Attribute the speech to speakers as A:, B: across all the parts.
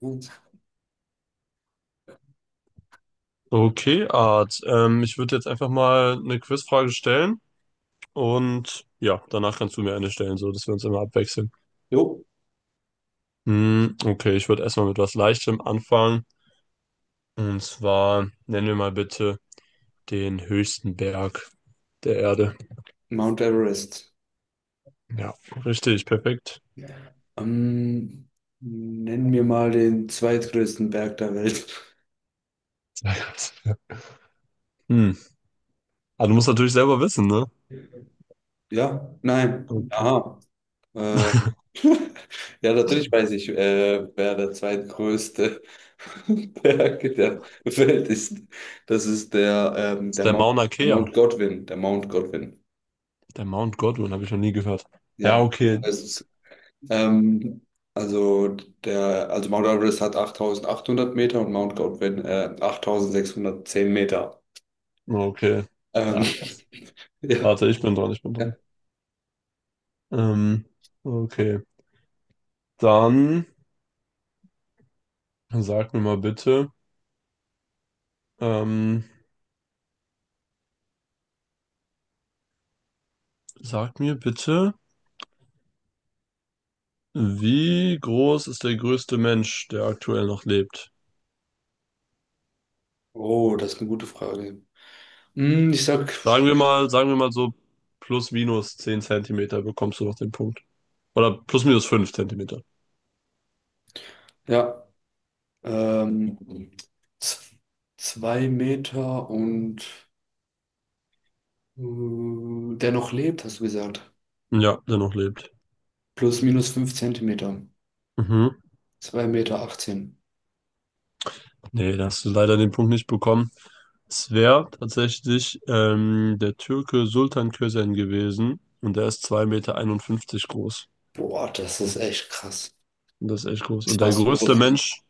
A: Gut.
B: Okay, Art. Ich würde jetzt einfach mal eine Quizfrage stellen und ja, danach kannst du mir eine stellen, so dass wir uns immer abwechseln.
A: Jo,
B: Okay, ich würde erstmal mit was Leichtem anfangen. Und zwar nennen wir mal bitte den höchsten Berg der Erde.
A: Mount Everest.
B: Ja, richtig, perfekt.
A: Ja. Ähm, Nenn mir mal den zweitgrößten Berg der Welt.
B: Sehr gut. Hm. Aber du musst natürlich selber wissen, ne?
A: Ja, nein.
B: Okay.
A: Ah, äh, ja, natürlich weiß ich, wer der zweitgrößte Berg der Welt ist. Das ist der, ähm,
B: Das ist
A: der
B: der
A: Mount,
B: Mauna
A: der Mount
B: Kea.
A: Godwin.
B: Der Mount Godwin, habe ich noch nie gehört. Ja,
A: Ja, das
B: okay.
A: weißt du. Ähm, also, Mount Everest hat 8800 Meter und Mount Godwin 8610 Meter.
B: Okay.
A: Ähm,
B: Ja.
A: ja,
B: Warte, ich bin dran, ich bin
A: ja.
B: dran. Ähm, okay. Dann sag mir mal bitte, ähm, sag mir bitte, wie groß ist der größte Mensch, der aktuell noch lebt?
A: Oh, das ist eine gute Frage. Ich sag,
B: Sagen wir mal so plus minus 10 Zentimeter bekommst du noch den Punkt. Oder plus minus 5 Zentimeter.
A: ja, ähm, z- zwei Meter und äh, der noch lebt, hast du gesagt.
B: Ja, der noch lebt.
A: Plus minus fünf Zentimeter.
B: Mhm.
A: Zwei Meter achtzehn.
B: Nee, da hast du leider den Punkt nicht bekommen. Es wäre tatsächlich der Türke Sultan Kösen gewesen, und der ist 2 Meter 51 groß.
A: Boah, das ist echt krass.
B: Und das ist echt groß.
A: Das
B: Und
A: war
B: der
A: so
B: größte
A: groß.
B: Mensch,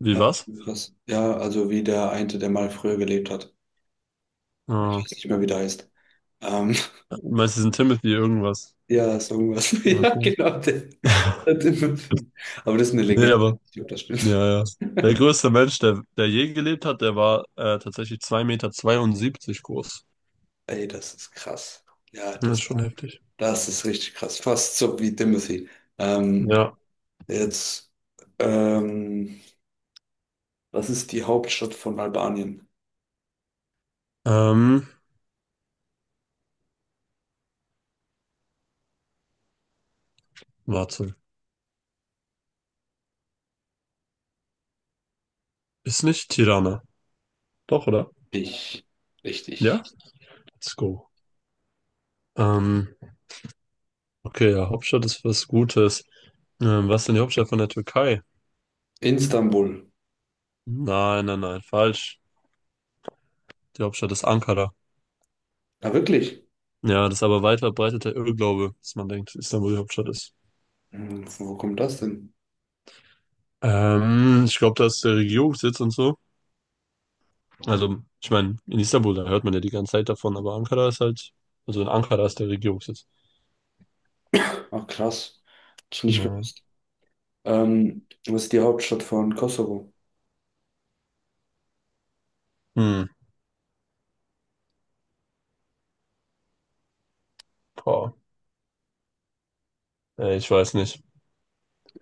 B: wie
A: Ja, das ist
B: was?
A: schon krass. Ja, also wie der eine, der mal früher gelebt hat. Ich
B: Ah,
A: weiß nicht mehr, wie der heißt. Ähm,
B: meistens ein Timothy irgendwas.
A: ja, so irgendwas. Ja,
B: Ja.
A: genau, der Tim. Aber das ist eine
B: Nee,
A: Legende.
B: aber,
A: Ich glaub, das stimmt.
B: ja, ja. Der größte Mensch, der je gelebt hat, der war tatsächlich 2 Meter 72 groß.
A: Ey, das ist krass. Ja,
B: Das ist
A: das,
B: schon heftig.
A: das ist richtig krass. Fast so wie Timothy. Ähm,
B: Ja.
A: Jetzt, ähm, was ist die Hauptstadt von Albanien?
B: Ähm, warte. Ist nicht Tirana. Doch, oder?
A: Ich,
B: Ja?
A: Richtig.
B: Let's go. Ähm, okay, ja, Hauptstadt ist was Gutes. Was ist denn die Hauptstadt von der Türkei?
A: Istanbul.
B: Nein, nein, nein, falsch. Die Hauptstadt ist Ankara.
A: Ja, wirklich?
B: Ja, das ist aber weit verbreiteter Irrglaube, dass man denkt, Istanbul die Hauptstadt ist.
A: Wo kommt das denn?
B: Ich glaube, da ist der Regierungssitz und so. Also, ich meine, in Istanbul, da hört man ja die ganze Zeit davon, aber Ankara ist halt, also in Ankara ist der Regierungssitz.
A: Ach, krass. Hätte ich nicht
B: Ja.
A: gewusst. Was ist die Hauptstadt von Kosovo?
B: Hm, boah. Ey, ich weiß nicht.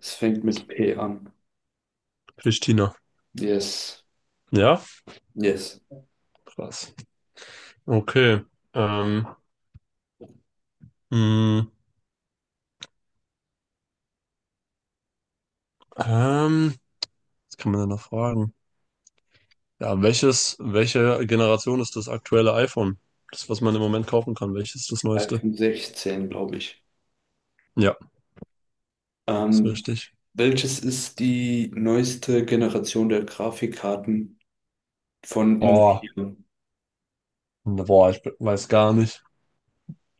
A: Es fängt mit P an.
B: Pristina.
A: Yes,
B: Ja?
A: yes.
B: Krass. Okay. Ähm, hm, ähm, was kann man da noch fragen? Ja, welche Generation ist das aktuelle iPhone? Das, was man im Moment kaufen kann, welches ist das neueste?
A: 16, glaube ich.
B: Ja, ist
A: Ähm,
B: richtig.
A: Welches ist die neueste Generation der Grafikkarten von
B: Oh,
A: Nvidia?
B: boah, weiß gar nicht.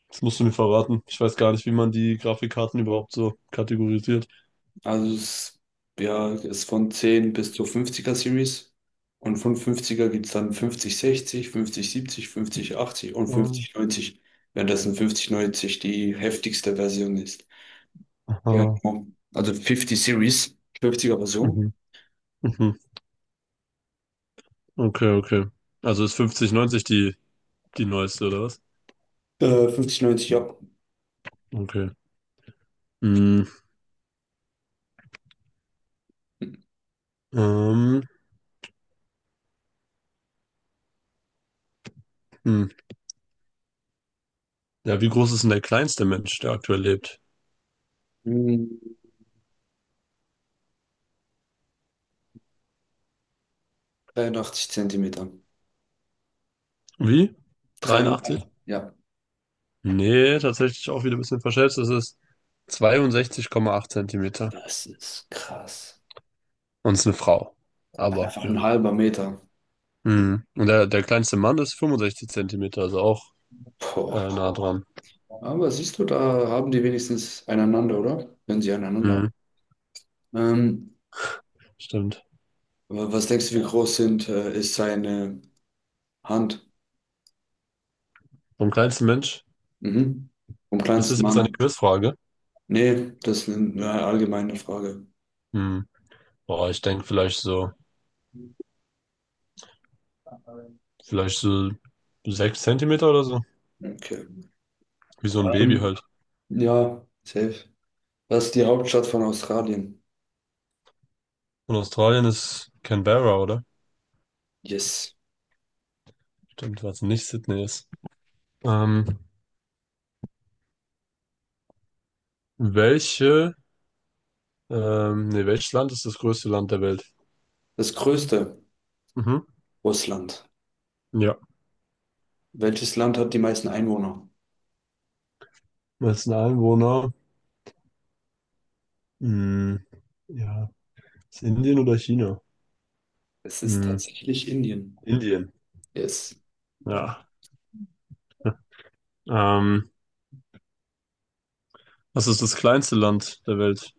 B: Das musst du mir verraten. Ich weiß gar nicht, wie man die Grafikkarten überhaupt so kategorisiert.
A: Also es ist von 10 bis zur 50er Series. Und von 50er gibt es dann 5060, 5070, 5080 und
B: Ähm,
A: 5090, währenddessen 5090 die heftigste Version ist. Ja,
B: Aha.
A: genau. Also 50 Series, 50er Version.
B: Mhm. Mhm. Okay, okay. Also ist 5090 die neueste, oder was?
A: 5090, ja.
B: Okay. Mhm. Ähm, hm. Ja, wie groß ist denn der kleinste Mensch, der aktuell lebt?
A: Hm, 83 Zentimeter.
B: Wie? 83?
A: 83, ja.
B: Nee, tatsächlich auch wieder ein bisschen verschätzt. Es ist 62,8 Zentimeter.
A: Das ist krass.
B: Und es ist eine Frau. Aber,
A: Einfach ein
B: ja.
A: halber Meter.
B: Mhm. Und der kleinste Mann ist 65 Zentimeter, also auch
A: Boah.
B: nah dran.
A: Aber siehst du, da haben die wenigstens einander, oder? Wenn sie einander.
B: Mhm.
A: Ähm,
B: Stimmt.
A: Was denkst du, wie groß ist seine Hand?
B: Vom kleinsten Mensch?
A: Mhm. Vom
B: Ist das
A: kleinsten
B: jetzt eine
A: Mann?
B: Quizfrage?
A: Nee, das ist eine allgemeine Frage.
B: Hm. Boah, ich denke vielleicht so 6 Zentimeter oder so.
A: Okay.
B: Wie so ein Baby
A: Ähm,
B: halt.
A: ja, safe. Was ist die Hauptstadt von Australien?
B: Und Australien ist Canberra, oder?
A: Yes.
B: Stimmt, was nicht Sydney ist. Ähm, welche, nee, welches Land ist das größte Land der Welt?
A: Das größte
B: Mhm.
A: Russland.
B: Ja.
A: Welches Land hat die meisten Einwohner?
B: Wessen Einwohner? Hm. Ja. Ist Indien oder China?
A: Es ist
B: Hm.
A: tatsächlich Indien.
B: Indien.
A: Yes.
B: Ja. Ähm, was ist das kleinste Land der Welt?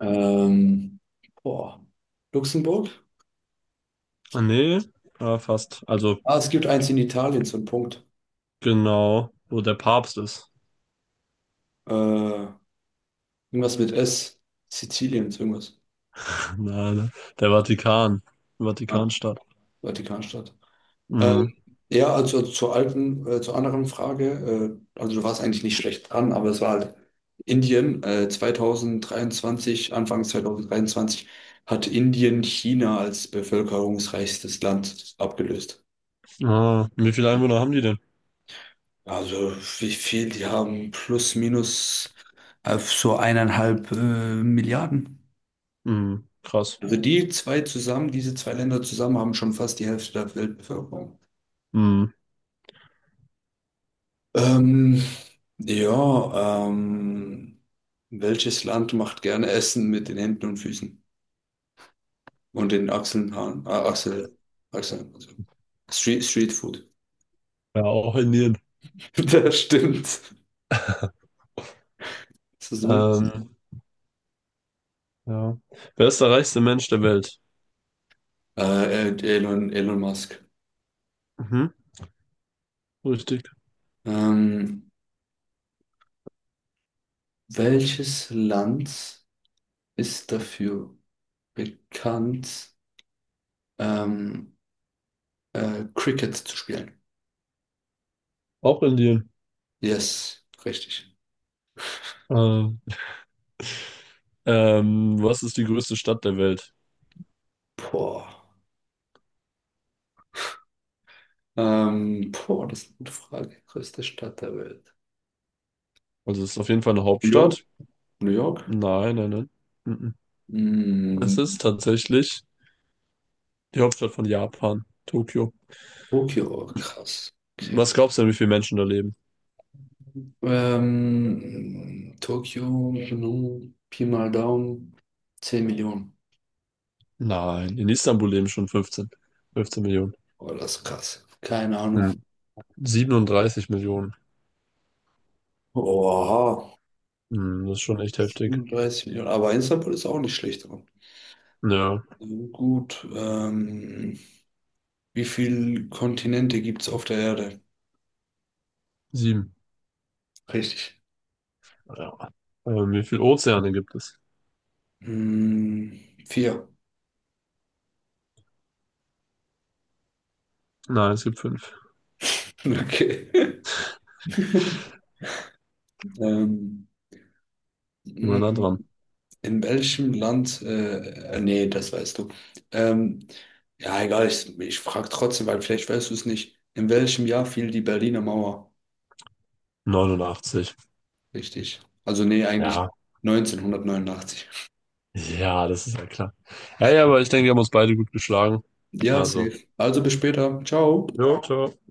A: Ähm, Boah. Luxemburg?
B: Ah, nee, ah, fast. Also
A: Ah, es gibt eins in Italien, so ein Punkt.
B: genau, wo der Papst ist.
A: Äh, Irgendwas mit S. Sizilien, so irgendwas.
B: Nein, der Vatikan.
A: Ah,
B: Vatikanstadt.
A: Vatikanstadt. Ähm,
B: Mhm.
A: ja, also zur anderen Frage, also du warst eigentlich nicht schlecht dran, aber es war halt Indien, 2023, Anfang 2023 hat Indien China als bevölkerungsreichstes Land abgelöst.
B: Ah, wie viele Einwohner haben die denn?
A: Also die haben plus minus so eineinhalb Milliarden.
B: Mhm, krass.
A: Also diese zwei Länder zusammen haben schon fast die Hälfte der Weltbevölkerung.
B: Mhm.
A: Ähm, ja, welches Land macht gerne Essen mit den Händen und Füßen und den Achseln, Haaren, Achseln, also Street Food.
B: Ja, auch Indien.
A: Das stimmt. Das ist gut.
B: Ähm, ja. Wer ist der reichste Mensch der Welt?
A: Elon Musk.
B: Mhm, richtig.
A: Ähm, Welches Land ist dafür bekannt, ähm, Cricket zu spielen?
B: Auch Indien.
A: Yes, richtig.
B: Ähm, was ist die größte Stadt der Welt?
A: Boah. Boah, das ist eine gute Frage. Größte Stadt der Welt.
B: Also es ist auf jeden Fall eine
A: New York?
B: Hauptstadt.
A: New York?
B: Nein, nein, nein. Mhm. Es
A: Mm,
B: ist tatsächlich die Hauptstadt von Japan, Tokio.
A: Tokio, krass. Okay.
B: Was
A: Okay.
B: glaubst du denn, wie viele Menschen da leben?
A: Tokio, nun, Pi mal Daumen, 10 Millionen.
B: Nein, in Istanbul leben schon 15. 15 Millionen.
A: Oh, das ist krass. Keine Ahnung.
B: Ja. 37 Millionen.
A: Oha,
B: Hm, das ist schon echt heftig.
A: 37 Millionen. Aber Istanbul ist auch nicht schlecht dran.
B: Ja,
A: So gut, wie viele Kontinente gibt es auf der Erde?
B: 7.
A: Richtig.
B: Ja. Wie viele Ozeane gibt es?
A: Mm, Vier.
B: Nein, es gibt 5.
A: Okay. Ähm,
B: Immer nah
A: in
B: dran.
A: welchem Land? Nee, das weißt du. Ähm, ja, egal, ich frage trotzdem, weil vielleicht weißt du es nicht. In welchem Jahr fiel die Berliner Mauer?
B: 89.
A: Richtig. Also nee, eigentlich
B: Ja.
A: 1989.
B: Ja, das ist ja klar. Ja, ja, aber ich denke, wir haben uns beide gut geschlagen.
A: Ja,
B: Also.
A: safe. Also bis später. Ciao.
B: Jo, ciao.